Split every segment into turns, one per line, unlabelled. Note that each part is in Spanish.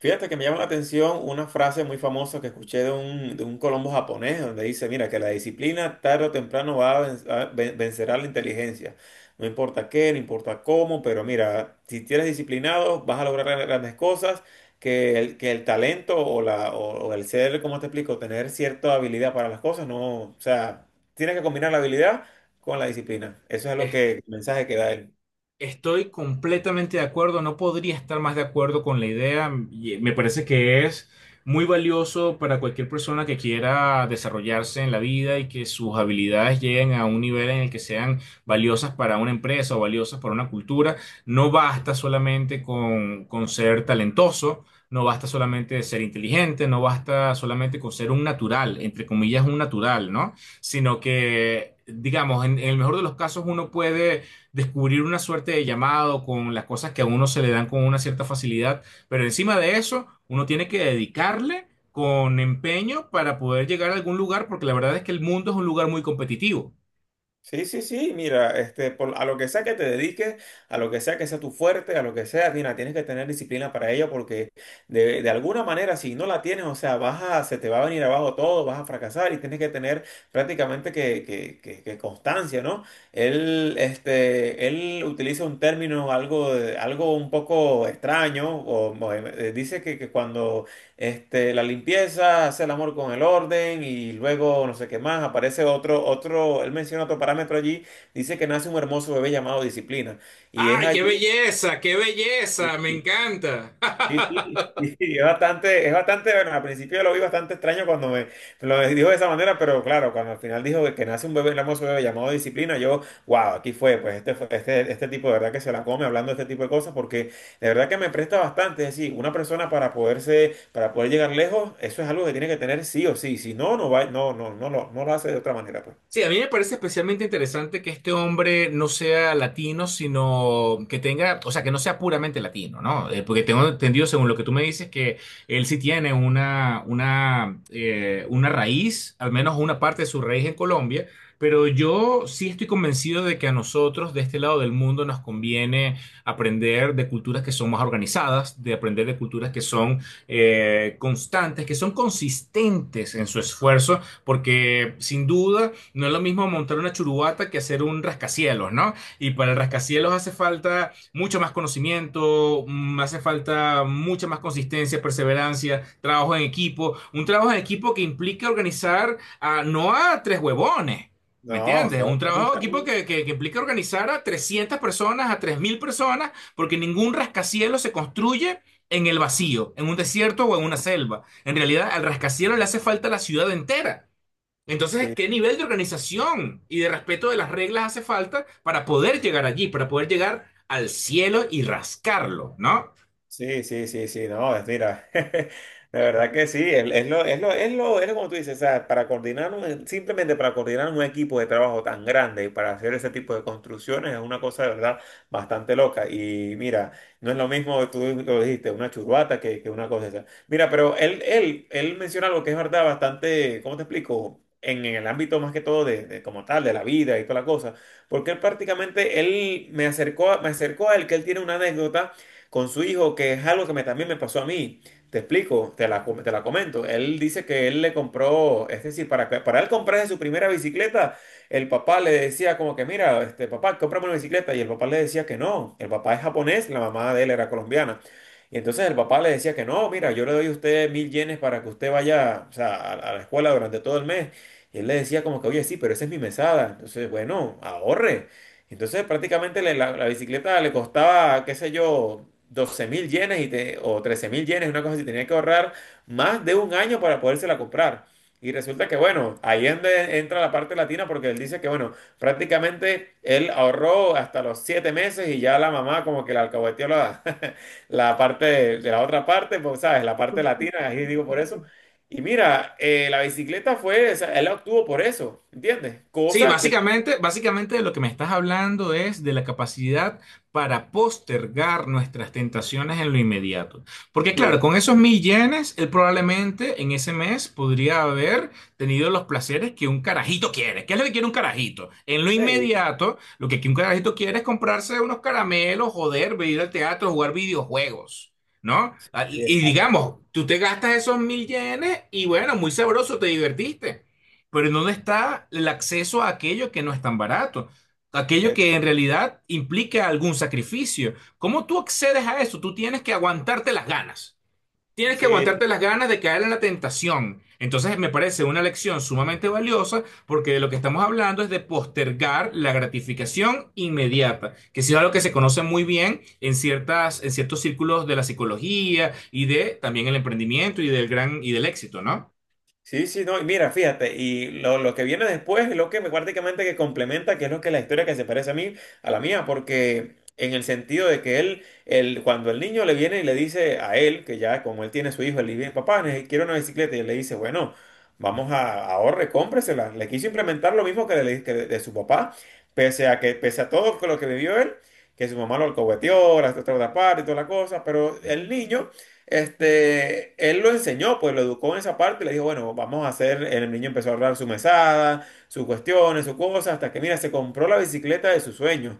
Fíjate que me llama la atención una frase muy famosa que escuché de un Colombo japonés, donde dice, mira, que la disciplina tarde o temprano va a ven- vencerá la inteligencia. No importa qué, no importa cómo, pero mira, si eres disciplinado, vas a lograr grandes cosas, que el talento o el ser, como te explico, tener cierta habilidad para las cosas, no, o sea, tienes que combinar la habilidad con la disciplina. Eso es
Es-
el mensaje que da él.
Estoy completamente de acuerdo, no podría estar más de acuerdo con la idea. Me parece que es muy valioso para cualquier persona que quiera desarrollarse en la vida y que sus habilidades lleguen a un nivel en el que sean valiosas para una empresa o valiosas para una cultura. No basta solamente con ser talentoso, no basta solamente ser inteligente, no basta solamente con ser un natural, entre comillas, un natural, ¿no? Sino que, digamos, en el mejor de los casos uno puede descubrir una suerte de llamado con las cosas que a uno se le dan con una cierta facilidad, pero encima de eso, uno tiene que dedicarle con empeño para poder llegar a algún lugar, porque la verdad es que el mundo es un lugar muy competitivo.
Sí, sí, sí, mira, a lo que sea que te dediques, a lo que sea tu fuerte, a lo que sea, mira, tienes que tener disciplina para ello porque de alguna manera si no la tienes, o sea, se te va a venir abajo todo, vas a fracasar y tienes que tener prácticamente que constancia, ¿no? Él utiliza un término algo un poco extraño, dice que cuando la limpieza, hace el amor con el orden y luego no sé qué más. Él menciona otro parámetro allí, dice que nace un hermoso bebé llamado disciplina. Y es
¡Ay, qué
allí.
belleza! ¡Qué belleza! ¡Me encanta!
Sí, sí, sí, es bastante, bueno, al principio lo vi bastante extraño cuando me lo dijo de esa manera, pero claro, cuando al final dijo que nace un bebé, el hermoso bebé llamado disciplina, yo, wow, aquí fue, este tipo de verdad que se la come hablando de este tipo de cosas, porque de verdad que me presta bastante, es decir, una persona para poder llegar lejos, eso es algo que tiene que tener sí o sí, si no, no va, no, no, no, no lo hace de otra manera, pues.
Sí, a mí me parece especialmente interesante que este hombre no sea latino, sino que tenga, o sea, que no sea puramente latino, ¿no? Porque tengo entendido, según lo que tú me dices, que él sí tiene una raíz, al menos una parte de su raíz en Colombia, pero yo sí estoy convencido de que a nosotros de este lado del mundo nos conviene aprender de culturas que son más organizadas, de aprender de culturas que son constantes, que son consistentes en su esfuerzo, porque sin duda... No es lo mismo montar una churubata que hacer un rascacielos, ¿no? Y para el rascacielos hace falta mucho más conocimiento, hace falta mucha más consistencia, perseverancia, trabajo en equipo. Un trabajo en equipo que implica organizar a, no a tres huevones. ¿Me
No, o
entiendes?
sea,
Un trabajo de
organizar,
equipo que implica organizar a 300 personas, a 3.000 personas, porque ningún rascacielos se construye en el vacío, en un desierto o en una selva. En realidad, al rascacielos le hace falta la ciudad entera. Entonces,
sí.
¿qué nivel de organización y de respeto de las reglas hace falta para poder llegar allí, para poder llegar al cielo y rascarlo, ¿no?
Sí, sí, sí, sí, no, mira, de verdad que sí, es lo, es lo, es lo, es lo como tú dices, o sea, simplemente para coordinar un equipo de trabajo tan grande y para hacer ese tipo de construcciones es una cosa de verdad bastante loca. Y mira, no es lo mismo, tú lo dijiste, una churbata que una cosa esa. Mira, pero él menciona algo que es verdad bastante, ¿cómo te explico? En el ámbito más que todo de como tal, de la vida y toda la cosa, porque él prácticamente, él me acercó a él que él tiene una anécdota con su hijo, que es algo que también me pasó a mí. Te explico, te la comento. Él dice que él le compró, es decir, para él comprarse su primera bicicleta, el papá le decía como que, mira, este papá, cómprame una bicicleta. Y el papá le decía que no. El papá es japonés, la mamá de él era colombiana. Y entonces el papá le decía que no, mira, yo le doy a usted 1.000 yenes para que usted vaya, o sea, a la escuela durante todo el mes. Y él le decía como que, oye, sí, pero esa es mi mesada. Entonces, bueno, ahorre. Entonces prácticamente la bicicleta le costaba, qué sé yo, 12.000 yenes o 13.000 yenes, una cosa así, tenía que ahorrar más de un año para podérsela comprar. Y resulta que, bueno, ahí es donde entra la parte latina porque él dice que, bueno, prácticamente él ahorró hasta los 7 meses y ya la mamá como que le alcahueteó la, la parte de la otra parte, pues, ¿sabes? La parte latina, ahí digo por eso. Y mira, la bicicleta fue, o sea, él la obtuvo por eso, ¿entiendes?
Sí,
Cosa que...
básicamente, básicamente lo que me estás hablando es de la capacidad para postergar nuestras tentaciones en lo inmediato. Porque
Sí.
claro, con esos 1.000 yenes, él probablemente en ese mes podría haber tenido los placeres que un carajito quiere. ¿Qué es lo que quiere un carajito? En lo
Sí,
inmediato, lo que un carajito quiere es comprarse unos caramelos, joder, ir al teatro, jugar videojuegos. ¿No? Ah,
sí,
Y
exacto.
digamos, tú te gastas esos 1.000 yenes y bueno, muy sabroso, te divertiste. Pero ¿en dónde está el acceso a aquello que no es tan barato? Aquello
Es-
que en realidad implica algún sacrificio. ¿Cómo tú accedes a eso? Tú tienes que aguantarte las ganas. Tienes que
sí,
aguantarte las ganas de caer en la tentación. Entonces me parece una lección sumamente valiosa porque de lo que estamos hablando es de postergar la gratificación inmediata, que sí es algo que se conoce muy bien en ciertas, en ciertos círculos de la psicología y de también el emprendimiento y del gran y del éxito, ¿no?
sí, sí, no, y mira, fíjate, y lo que viene después es lo que me prácticamente que complementa, que es lo que la historia que se parece a mí, a la mía, porque en el sentido de que él, cuando el niño le viene y le dice a él, que ya como él tiene su hijo, él le dice, papá, quiero una bicicleta, y él le dice, bueno, vamos a ahorre, cómpresela. Le quiso implementar lo mismo que de su papá, pese a que, pese a todo lo que vivió él, que su mamá lo alcahueteó, la otra parte y toda la cosa, pero el niño. Él lo enseñó, pues lo educó en esa parte y le dijo, bueno, vamos a hacer, el niño empezó a ahorrar su mesada, sus cuestiones, sus cosas, hasta que, mira, se compró la bicicleta de sus sueños,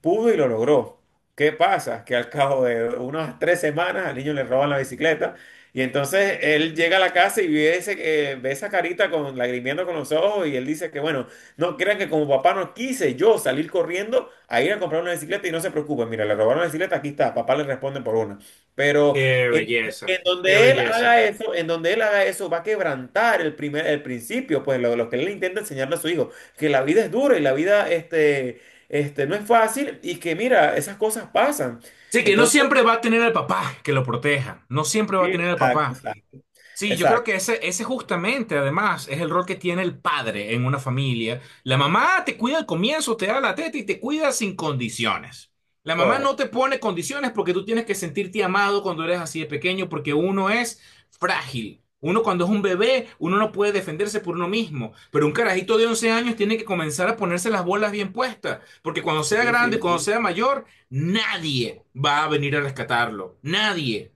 pudo y lo logró. ¿Qué pasa? Que al cabo de unas 3 semanas al niño le roban la bicicleta y entonces él llega a la casa y ve esa carita con lagrimiendo con los ojos y él dice que, bueno, no crean que como papá no quise yo salir corriendo a ir a comprar una bicicleta y no se preocupen, mira, le robaron la bicicleta, aquí está, papá le responde por una. Pero...
Qué belleza,
En
qué
donde él haga
belleza.
eso, en donde él haga eso, va a quebrantar el primer, el principio, pues lo que él intenta enseñarle a su hijo, que la vida es dura y la vida, no es fácil y que mira, esas cosas pasan.
Sí, que no
Entonces,
siempre va a tener al papá que lo proteja, no siempre va
sí,
a tener al
exacto,
papá.
exacto,
Sí, yo creo
exacto,
que ese justamente, además, es el rol que tiene el padre en una familia. La mamá te cuida al comienzo, te da la teta y te cuida sin condiciones. La mamá no
correcto.
te pone condiciones porque tú tienes que sentirte amado cuando eres así de pequeño, porque uno es frágil. Uno cuando es un bebé, uno no puede defenderse por uno mismo. Pero un carajito de 11 años tiene que comenzar a ponerse las bolas bien puestas, porque cuando sea
Sí,
grande,
sí,
cuando
sí.
sea mayor, nadie va a venir a rescatarlo. Nadie.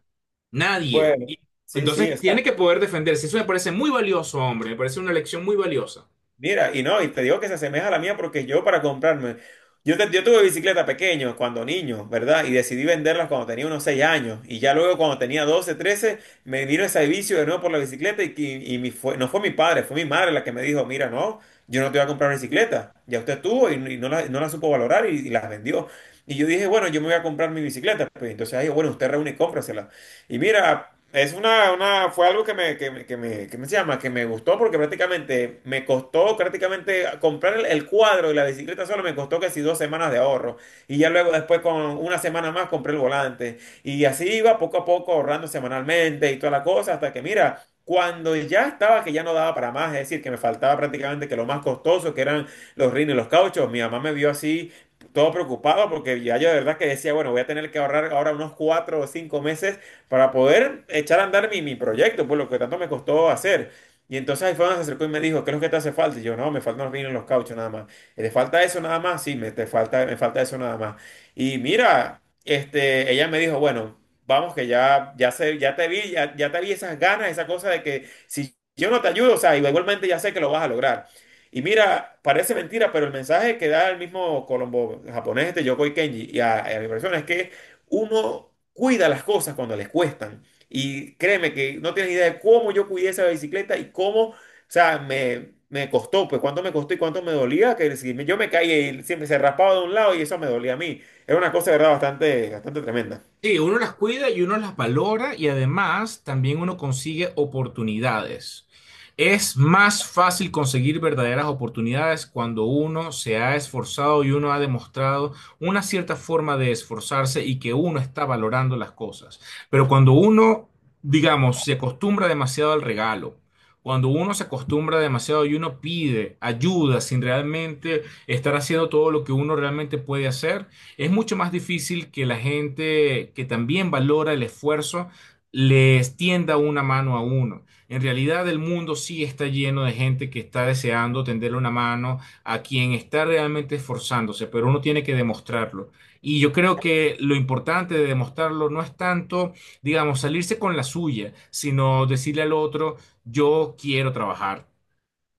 Nadie.
Bueno, sí, sí,
Entonces tiene
exacto.
que poder defenderse. Eso me parece muy valioso, hombre. Me parece una elección muy valiosa.
Mira, y no, y te digo que se asemeja a la mía porque yo para comprarme, yo, te- yo tuve bicicleta pequeño cuando niño, ¿verdad? Y decidí venderlas cuando tenía unos 6 años. Y ya luego cuando tenía 12 13 me vino ese vicio de nuevo por la bicicleta no fue mi padre, fue mi madre la que me dijo, mira, no, yo no te voy a comprar bicicleta. Ya usted tuvo y no la supo valorar y las vendió. Y yo dije, bueno, yo me voy a comprar mi bicicleta. Pues, entonces, ahí, bueno, usted reúne y cómprasela. Y mira, fue algo que me, que me, que me, que me se llama, que me gustó porque prácticamente me costó prácticamente comprar el cuadro y la bicicleta solo me costó casi 2 semanas de ahorro. Y ya luego después con una semana más compré el volante. Y así iba poco a poco ahorrando semanalmente y toda la cosa hasta que mira. Cuando ya estaba que ya no daba para más, es decir, que me faltaba prácticamente que lo más costoso, que eran los rines y los cauchos, mi mamá me vio así todo preocupado porque ya yo de verdad que decía, bueno, voy a tener que ahorrar ahora unos 4 o 5 meses para poder echar a andar mi proyecto, pues lo que tanto me costó hacer. Y entonces ahí fue donde se acercó y me dijo, ¿qué es lo que te hace falta? Y yo, no, me faltan los vinos, los cauchos nada más. ¿Te falta eso nada más? Sí, me falta eso nada más. Y mira, ella me dijo, bueno, vamos que ya, ya, sé, ya te vi esas ganas, esa cosa de que si yo no te ayudo, o sea, igualmente ya sé que lo vas a lograr. Y mira, parece mentira, pero el mensaje que da el mismo Colombo japonés, este Yokoi Kenji, y a mi persona es que uno cuida las cosas cuando les cuestan. Y créeme que no tienes idea de cómo yo cuidé esa bicicleta y cómo, o sea, me costó, pues cuánto me costó y cuánto me dolía, que si yo me caía y siempre se raspaba de un lado y eso me dolía a mí. Era una cosa, de verdad, bastante, bastante tremenda.
Sí, uno las cuida y uno las valora y además también uno consigue oportunidades. Es más fácil conseguir verdaderas oportunidades cuando uno se ha esforzado y uno ha demostrado una cierta forma de esforzarse y que uno está valorando las cosas. Pero cuando uno, digamos, se acostumbra demasiado al regalo, cuando uno se acostumbra demasiado y uno pide ayuda sin realmente estar haciendo todo lo que uno realmente puede hacer, es mucho más difícil que la gente que también valora el esfuerzo le tienda una mano a uno. En realidad el mundo sí está lleno de gente que está deseando tenderle una mano a quien está realmente esforzándose, pero uno tiene que demostrarlo. Y yo creo que lo importante de demostrarlo no es tanto, digamos, salirse con la suya, sino decirle al otro, yo quiero trabajar.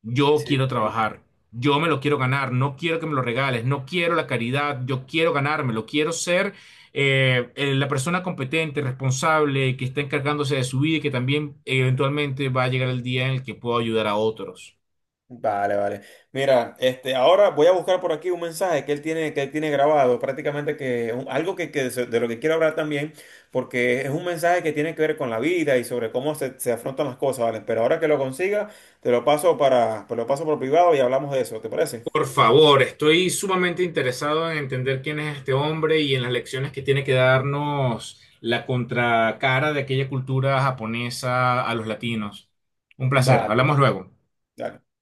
Yo
Sí,
quiero
sí.
trabajar, yo me lo quiero ganar, no quiero que me lo regales, no quiero la caridad, yo quiero ganármelo, quiero ser la persona competente, responsable, que está encargándose de su vida y que también eventualmente va a llegar el día en el que pueda ayudar a otros.
Vale, vale. Mira, ahora voy a buscar por aquí un mensaje que él tiene grabado, prácticamente que algo de lo que quiero hablar también, porque es un mensaje que tiene que ver con la vida y sobre cómo se afrontan las cosas, ¿vale? Pero ahora que lo consiga, te lo paso por privado y hablamos de eso, ¿te parece?
Por favor, estoy sumamente interesado en entender quién es este hombre y en las lecciones que tiene que darnos la contracara de aquella cultura japonesa a los latinos. Un placer,
Vale, vale. vale.
hablamos luego.
dale.